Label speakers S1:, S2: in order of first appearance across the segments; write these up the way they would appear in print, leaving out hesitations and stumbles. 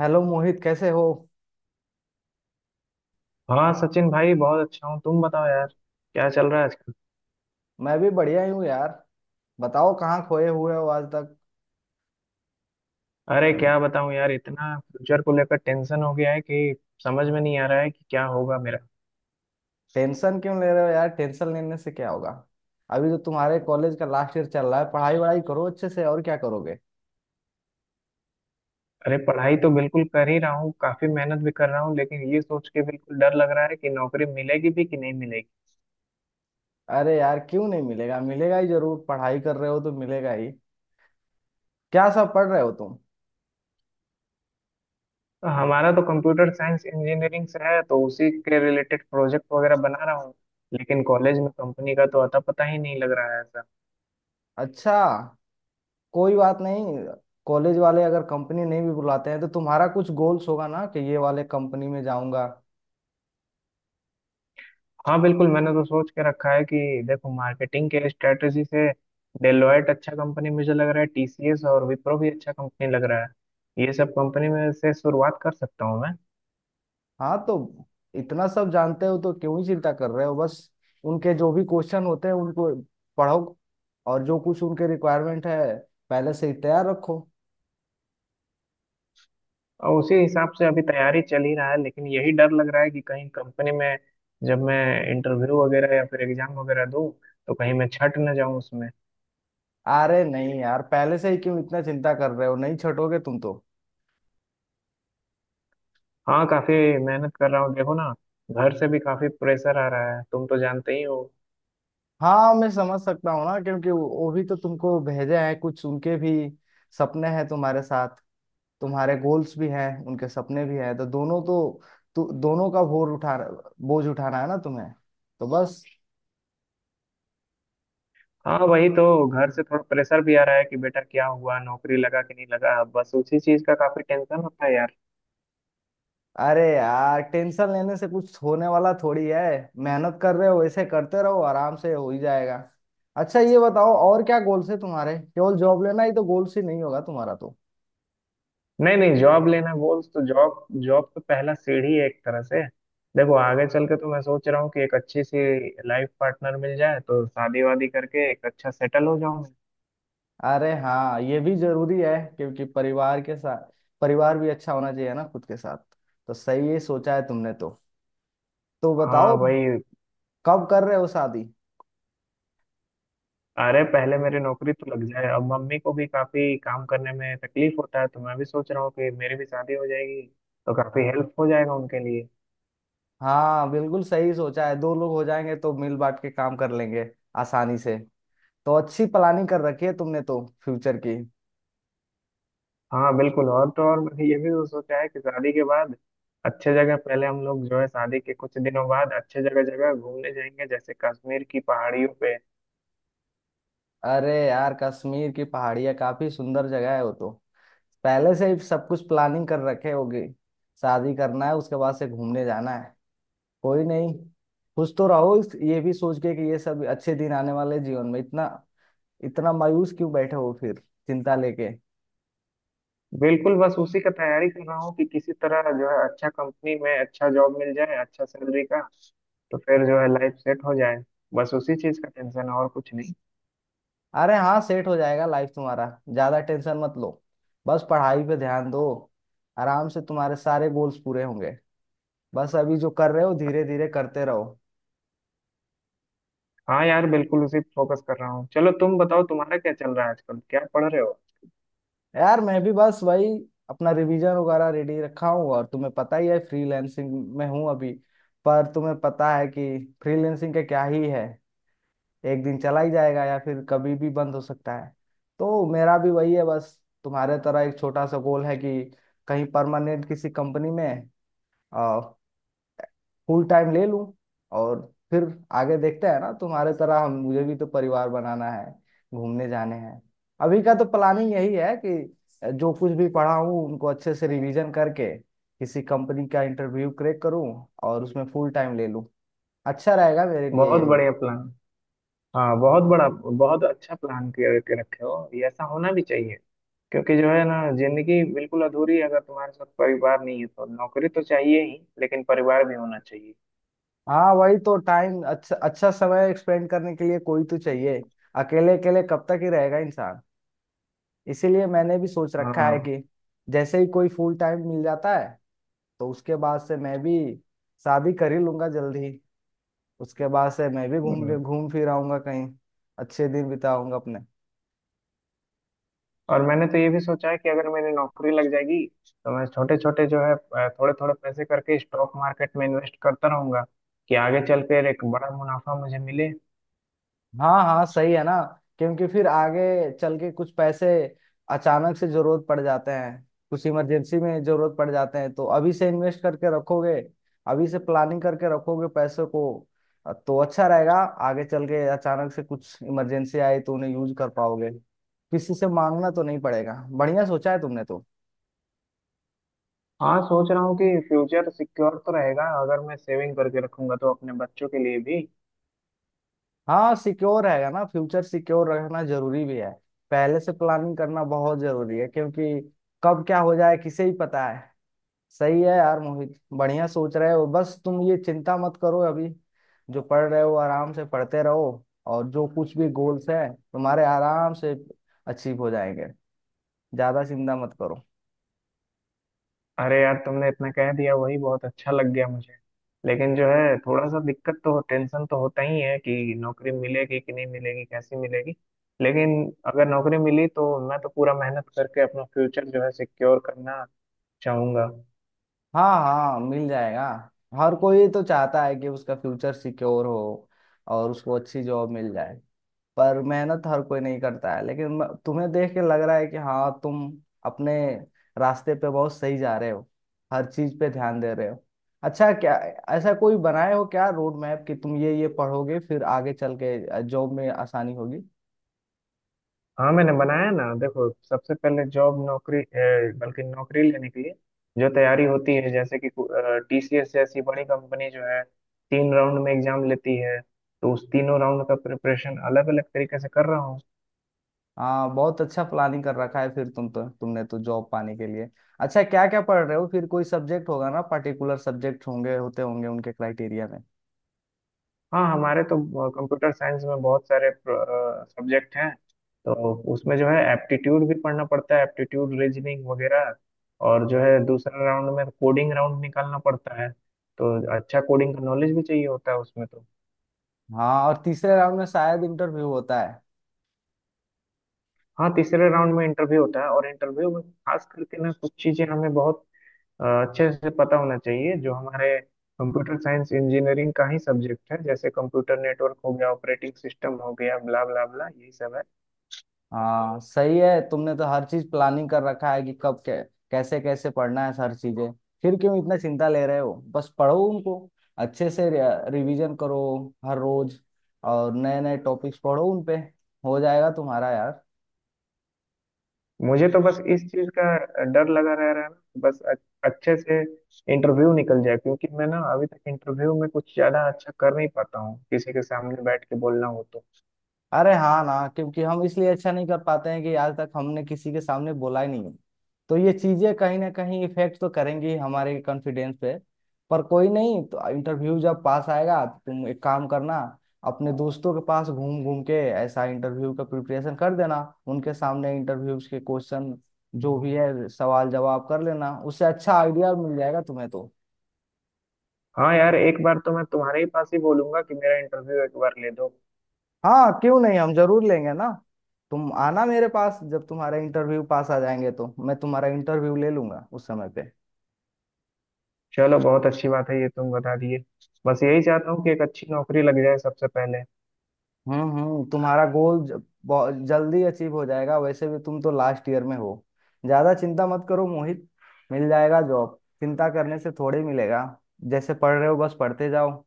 S1: Hello Mohit, कैसे हो।
S2: हाँ सचिन भाई, बहुत अच्छा हूँ। तुम बताओ यार, क्या चल रहा है आजकल।
S1: मैं भी बढ़िया ही हूँ यार। बताओ कहाँ खोए हुए हो आज तक।
S2: अरे क्या बताऊँ यार, इतना फ्यूचर को लेकर टेंशन हो गया है कि समझ में नहीं आ रहा है कि क्या होगा मेरा।
S1: टेंशन क्यों ले रहे हो यार, टेंशन लेने से क्या होगा। अभी तो तुम्हारे कॉलेज का लास्ट ईयर चल रहा है, पढ़ाई वढ़ाई करो अच्छे से, और क्या करोगे।
S2: अरे पढ़ाई तो बिल्कुल कर ही रहा हूँ, काफी मेहनत भी कर रहा हूँ, लेकिन ये सोच के बिल्कुल डर लग रहा है कि नौकरी मिलेगी भी कि नहीं मिलेगी।
S1: अरे यार क्यों नहीं मिलेगा, मिलेगा ही जरूर, पढ़ाई कर रहे हो तो मिलेगा ही। क्या सब पढ़ रहे हो तुम।
S2: तो हमारा तो कंप्यूटर साइंस इंजीनियरिंग से है, तो उसी के रिलेटेड प्रोजेक्ट वगैरह बना रहा हूँ, लेकिन कॉलेज में कंपनी का तो अता पता ही नहीं लग रहा है।
S1: अच्छा, कोई बात नहीं। कॉलेज वाले अगर कंपनी नहीं भी बुलाते हैं तो तुम्हारा कुछ गोल्स होगा ना कि ये वाले कंपनी में जाऊंगा।
S2: हाँ बिल्कुल, मैंने तो सोच के रखा है कि देखो, मार्केटिंग के स्ट्रेटजी से डेलॉयट अच्छा कंपनी मुझे लग रहा है, टीसीएस और विप्रो भी अच्छा कंपनी लग रहा है। ये सब कंपनी में से शुरुआत कर सकता हूँ मैं।
S1: हाँ तो इतना सब जानते हो तो क्यों ही चिंता कर रहे हो। बस उनके जो भी क्वेश्चन होते हैं उनको पढ़ो, और जो कुछ उनके रिक्वायरमेंट है पहले से ही तैयार रखो।
S2: और उसी हिसाब से अभी तैयारी चल ही रहा है, लेकिन यही डर लग रहा है कि कहीं कंपनी में जब मैं इंटरव्यू वगैरह या फिर एग्जाम वगैरह दूँ, तो कहीं मैं छट न जाऊँ उसमें।
S1: अरे नहीं यार, पहले से ही क्यों इतना चिंता कर रहे हो, नहीं छटोगे तुम तो।
S2: हाँ, काफी मेहनत कर रहा हूँ, देखो ना। घर से भी काफी प्रेशर आ रहा है, तुम तो जानते ही हो।
S1: हाँ मैं समझ सकता हूँ ना, क्योंकि वो भी तो तुमको भेजे हैं, कुछ उनके भी सपने हैं तुम्हारे साथ। तुम्हारे गोल्स भी हैं, उनके सपने भी हैं, तो दोनों तो, दोनों का बोझ उठाना है ना तुम्हें, तो बस।
S2: हाँ वही तो, घर से थोड़ा प्रेशर भी आ रहा है कि बेटा क्या हुआ, नौकरी लगा कि नहीं लगा। बस उसी चीज का काफी टेंशन होता है यार।
S1: अरे यार, टेंशन लेने से कुछ होने वाला थोड़ी है। मेहनत कर रहे हो, ऐसे करते रहो, आराम से हो ही जाएगा। अच्छा ये बताओ, और क्या गोल्स है तुम्हारे, केवल जॉब लेना ही तो गोल्स ही नहीं होगा तुम्हारा तो।
S2: नहीं नहीं, जॉब लेना गोल तो, जॉब जॉब तो पहला सीढ़ी है एक तरह से। देखो आगे चल के तो मैं सोच रहा हूँ कि एक अच्छी सी लाइफ पार्टनर मिल जाए तो शादी वादी करके एक अच्छा सेटल हो जाऊँ।
S1: अरे हाँ, ये भी जरूरी है, क्योंकि परिवार के साथ, परिवार भी अच्छा होना चाहिए ना खुद के साथ। तो सही ही सोचा है तुमने तो। तो
S2: हाँ
S1: बताओ,
S2: भाई।
S1: कब कर रहे हो शादी।
S2: अरे पहले मेरी नौकरी तो लग जाए। अब मम्मी को भी काफी काम करने में तकलीफ होता है, तो मैं भी सोच रहा हूँ कि मेरी भी शादी हो जाएगी तो काफी हेल्प हो जाएगा उनके लिए।
S1: हाँ बिल्कुल सही सोचा है, दो लोग हो जाएंगे तो मिल बांट के काम कर लेंगे आसानी से। तो अच्छी प्लानिंग कर रखी है तुमने तो फ्यूचर की।
S2: हाँ बिल्कुल। और तो और, मैंने ये भी तो सोचा है कि शादी के बाद अच्छे जगह पहले हम लोग जो है, शादी के कुछ दिनों बाद अच्छे जगह जगह घूमने जाएंगे, जैसे कश्मीर की पहाड़ियों पे।
S1: अरे यार, कश्मीर की पहाड़ियाँ काफी सुंदर जगह है वो तो। पहले से ही सब कुछ प्लानिंग कर रखे होगी, शादी करना है, उसके बाद से घूमने जाना है। कोई नहीं, खुश तो रहो ये भी सोच के कि ये सब अच्छे दिन आने वाले जीवन में, इतना इतना मायूस क्यों बैठे हो फिर चिंता लेके।
S2: बिल्कुल, बस उसी का तैयारी कर रहा हूँ कि किसी तरह जो है, अच्छा कंपनी में अच्छा जॉब मिल जाए, अच्छा सैलरी का, तो फिर जो है लाइफ सेट हो जाए। बस उसी चीज का टेंशन है, और कुछ नहीं।
S1: अरे हाँ, सेट हो जाएगा लाइफ तुम्हारा। ज्यादा टेंशन मत लो, बस पढ़ाई पे ध्यान दो, आराम से तुम्हारे सारे गोल्स पूरे होंगे। बस अभी जो कर रहे हो धीरे धीरे करते रहो।
S2: हाँ यार बिल्कुल, उसी फोकस कर रहा हूँ। चलो तुम बताओ, तुम्हारा क्या चल रहा है आजकल, क्या पढ़ रहे हो।
S1: यार मैं भी बस वही, अपना रिवीजन वगैरह रेडी रखा हूँ, और तुम्हें पता ही है फ्रीलैंसिंग में हूँ अभी। पर तुम्हें पता है कि फ्रीलैंसिंग का क्या ही है, एक दिन चला ही जाएगा या फिर कभी भी बंद हो सकता है। तो मेरा भी वही है बस, तुम्हारे तरह एक छोटा सा गोल है कि कहीं परमानेंट किसी कंपनी में फुल टाइम ले लूं, और फिर आगे देखते हैं। ना तुम्हारे तरह हम, मुझे भी तो परिवार बनाना है, घूमने जाने हैं। अभी का तो प्लानिंग यही है कि जो कुछ भी पढ़ा हूँ उनको अच्छे से रिवीजन करके किसी कंपनी का इंटरव्यू क्रैक करूँ और उसमें फुल टाइम ले लूं, अच्छा रहेगा मेरे लिए
S2: बहुत
S1: यही।
S2: बढ़िया प्लान। हाँ बहुत बड़ा, बहुत अच्छा प्लान किया के रखे हो। ये ऐसा होना भी चाहिए, क्योंकि जो है ना, जिंदगी बिल्कुल अधूरी है अगर तुम्हारे साथ परिवार नहीं है तो। नौकरी तो चाहिए ही, लेकिन परिवार भी होना चाहिए।
S1: हाँ वही तो, टाइम अच्छा, अच्छा समय स्पेंड करने के लिए कोई तो चाहिए। अकेले अकेले कब तक ही रहेगा इंसान। इसीलिए मैंने भी सोच रखा है
S2: हाँ।
S1: कि जैसे ही कोई फुल टाइम मिल जाता है तो उसके बाद से मैं भी शादी कर ही लूंगा जल्दी। उसके बाद से मैं भी घूम
S2: हम्म।
S1: घूम फिर आऊंगा कहीं, अच्छे दिन बिताऊंगा अपने।
S2: और मैंने तो ये भी सोचा है कि अगर मेरी नौकरी लग जाएगी तो मैं छोटे छोटे जो है, थोड़े थोड़े पैसे करके स्टॉक मार्केट में इन्वेस्ट करता रहूंगा कि आगे चल कर एक बड़ा मुनाफा मुझे मिले।
S1: हाँ हाँ, सही है ना, क्योंकि फिर आगे चल के कुछ पैसे अचानक से जरूरत पड़ जाते हैं, कुछ इमरजेंसी में जरूरत पड़ जाते हैं, तो अभी से इन्वेस्ट करके रखोगे, अभी से प्लानिंग करके रखोगे पैसों को, तो अच्छा रहेगा। आगे चल के अचानक से कुछ इमरजेंसी आए तो उन्हें यूज कर पाओगे, किसी से मांगना तो नहीं पड़ेगा। बढ़िया सोचा है तुमने तो।
S2: हाँ, सोच रहा हूँ कि फ्यूचर सिक्योर तो रहेगा अगर मैं सेविंग करके रखूंगा तो, अपने बच्चों के लिए भी।
S1: हाँ सिक्योर रहेगा ना, फ्यूचर सिक्योर रखना जरूरी भी है। पहले से प्लानिंग करना बहुत जरूरी है, क्योंकि कब क्या हो जाए किसे ही पता है। सही है यार मोहित, बढ़िया सोच रहे हो, बस तुम ये चिंता मत करो अभी। जो पढ़ रहे हो आराम से पढ़ते रहो, और जो कुछ भी गोल्स हैं तुम्हारे आराम से अचीव हो जाएंगे। ज्यादा चिंता मत करो।
S2: अरे यार तुमने इतना कह दिया, वही बहुत अच्छा लग गया मुझे। लेकिन जो है थोड़ा सा दिक्कत तो, टेंशन तो होता ही है कि नौकरी मिलेगी कि नहीं मिलेगी, कैसी मिलेगी। लेकिन अगर नौकरी मिली तो मैं तो पूरा मेहनत करके अपना फ्यूचर जो है सिक्योर करना चाहूंगा।
S1: हाँ हाँ मिल जाएगा। हर कोई तो चाहता है कि उसका फ्यूचर सिक्योर हो और उसको अच्छी जॉब मिल जाए, पर मेहनत हर कोई नहीं करता है। लेकिन तुम्हें देख के लग रहा है कि हाँ, तुम अपने रास्ते पे बहुत सही जा रहे हो, हर चीज पे ध्यान दे रहे हो। अच्छा, क्या ऐसा कोई बनाए हो क्या रोड मैप कि तुम ये पढ़ोगे फिर आगे चल के जॉब में आसानी होगी।
S2: हाँ मैंने बनाया ना। देखो, सबसे पहले जॉब, बल्कि नौकरी लेने के लिए जो तैयारी होती है, जैसे कि टीसीएस जैसी बड़ी कंपनी जो है, तीन राउंड में एग्जाम लेती है। तो उस तीनों राउंड का प्रिपरेशन अलग अलग तरीके से कर रहा हूँ।
S1: हाँ बहुत अच्छा प्लानिंग कर रखा है फिर तुम तो, तुमने तो जॉब पाने के लिए। अच्छा, क्या क्या पढ़ रहे हो फिर, कोई सब्जेक्ट होगा ना, पर्टिकुलर सब्जेक्ट होंगे होते होंगे उनके क्राइटेरिया में।
S2: हाँ हमारे तो कंप्यूटर साइंस में बहुत सारे सब्जेक्ट हैं, तो उसमें जो है एप्टीट्यूड भी पढ़ना पड़ता है, एप्टीट्यूड रीजनिंग वगैरह। और जो है दूसरा राउंड में कोडिंग राउंड निकालना पड़ता है, तो अच्छा कोडिंग का नॉलेज भी चाहिए होता है उसमें तो।
S1: हाँ, और तीसरे राउंड में शायद इंटरव्यू होता है।
S2: हाँ तीसरे राउंड में इंटरव्यू होता है, और इंटरव्यू में खास करके ना कुछ चीजें हमें बहुत अच्छे से पता होना चाहिए, जो हमारे कंप्यूटर साइंस इंजीनियरिंग का ही सब्जेक्ट है, जैसे कंप्यूटर नेटवर्क हो गया, ऑपरेटिंग सिस्टम हो गया, ब्ला ब्ला ब्ला, यही सब है।
S1: हाँ सही है, तुमने तो हर चीज प्लानिंग कर रखा है कि कैसे कैसे पढ़ना है हर चीजें। फिर क्यों इतना चिंता ले रहे हो, बस पढ़ो उनको अच्छे से, रिवीजन करो हर रोज, और नए नए टॉपिक्स पढ़ो उनपे। हो जाएगा तुम्हारा यार।
S2: मुझे तो बस इस चीज का डर लगा रह रहा है ना, अच्छे से इंटरव्यू निकल जाए, क्योंकि मैं ना अभी तक इंटरव्यू में कुछ ज्यादा अच्छा कर नहीं पाता हूँ, किसी के सामने बैठ के बोलना हो तो।
S1: अरे हाँ ना, क्योंकि हम इसलिए अच्छा नहीं कर पाते हैं कि आज तक हमने किसी के सामने बोला ही नहीं है, तो ये चीजें कहीं ना कहीं इफेक्ट तो करेंगी ही हमारे कॉन्फिडेंस पे। पर कोई नहीं, तो इंटरव्यू जब पास आएगा तो तुम एक काम करना, अपने दोस्तों के पास घूम घूम के ऐसा इंटरव्यू का प्रिपरेशन कर देना। उनके सामने इंटरव्यू के क्वेश्चन जो भी है सवाल जवाब कर लेना, उससे अच्छा आइडिया मिल जाएगा तुम्हें तो।
S2: हाँ यार, एक बार तो मैं तुम्हारे ही पास ही बोलूंगा कि मेरा इंटरव्यू एक बार ले दो।
S1: हाँ क्यों नहीं, हम जरूर लेंगे ना। तुम आना मेरे पास जब तुम्हारा इंटरव्यू पास आ जाएंगे, तो मैं तुम्हारा इंटरव्यू ले लूंगा उस समय पे।
S2: चलो बहुत अच्छी बात है, ये तुम बता दिए। बस यही चाहता हूँ कि एक अच्छी नौकरी लग जाए सबसे पहले।
S1: हम्म, तुम्हारा गोल जल्दी अचीव हो जाएगा, वैसे भी तुम तो लास्ट ईयर में हो। ज्यादा चिंता मत करो मोहित, मिल जाएगा जॉब, चिंता करने से थोड़े मिलेगा। जैसे पढ़ रहे हो बस पढ़ते जाओ,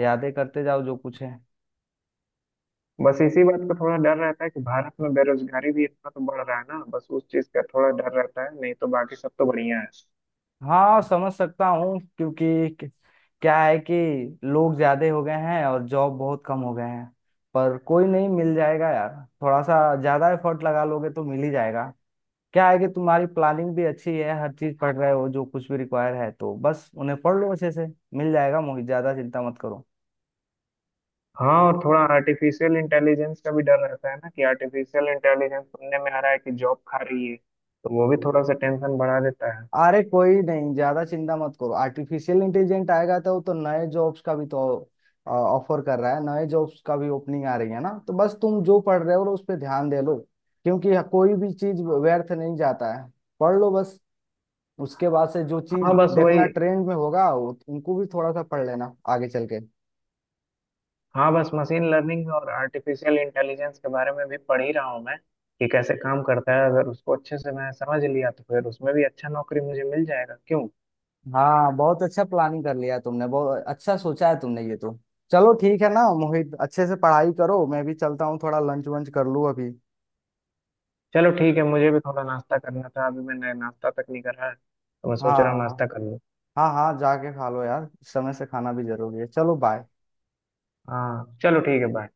S1: यादें करते जाओ जो कुछ है।
S2: बस इसी बात का थोड़ा डर रहता है कि भारत में बेरोजगारी भी इतना तो बढ़ रहा है ना, बस उस चीज का थोड़ा डर रहता है, नहीं तो बाकी सब तो बढ़िया है।
S1: हाँ समझ सकता हूँ, क्योंकि क्या है कि लोग ज्यादा हो गए हैं और जॉब बहुत कम हो गए हैं। पर कोई नहीं, मिल जाएगा यार, थोड़ा सा ज्यादा एफर्ट लगा लोगे तो मिल ही जाएगा। क्या है कि तुम्हारी प्लानिंग भी अच्छी है, हर चीज पढ़ रहे हो जो कुछ भी रिक्वायर है, तो बस उन्हें पढ़ लो अच्छे से। मिल जाएगा मोहित, ज्यादा चिंता मत करो।
S2: हाँ, और थोड़ा आर्टिफिशियल इंटेलिजेंस का भी डर रहता है ना, कि आर्टिफिशियल इंटेलिजेंस सुनने में आ रहा है कि जॉब खा रही है, तो वो भी थोड़ा सा टेंशन बढ़ा देता है।
S1: अरे कोई नहीं, ज्यादा चिंता मत करो, आर्टिफिशियल इंटेलिजेंट आएगा तो वो तो नए जॉब्स का भी तो ऑफर कर रहा है, नए जॉब्स का भी ओपनिंग आ रही है ना। तो बस तुम जो पढ़ रहे हो उस पर ध्यान दे लो, क्योंकि कोई भी चीज व्यर्थ नहीं जाता है। पढ़ लो बस, उसके बाद से जो चीज
S2: हाँ बस वही।
S1: देखना ट्रेंड में होगा उनको भी थोड़ा सा पढ़ लेना आगे चल के।
S2: हाँ, बस मशीन लर्निंग और आर्टिफिशियल इंटेलिजेंस के बारे में भी पढ़ ही रहा हूँ मैं कि कैसे काम करता है। अगर उसको अच्छे से मैं समझ लिया तो फिर उसमें भी अच्छा नौकरी मुझे मिल जाएगा क्यों।
S1: हाँ बहुत अच्छा प्लानिंग कर लिया तुमने, बहुत अच्छा सोचा है तुमने ये तो। चलो ठीक है ना मोहित, अच्छे से पढ़ाई करो, मैं भी चलता हूँ थोड़ा लंच वंच कर लूँ अभी।
S2: चलो ठीक है, मुझे भी थोड़ा नाश्ता करना था, अभी मैंने नाश्ता तक नहीं करा है, तो मैं सोच रहा हूँ
S1: हाँ
S2: नाश्ता कर लूँ।
S1: हाँ हाँ, जाके खा लो यार, समय से खाना भी जरूरी है। चलो बाय।
S2: हाँ चलो ठीक है, बाय।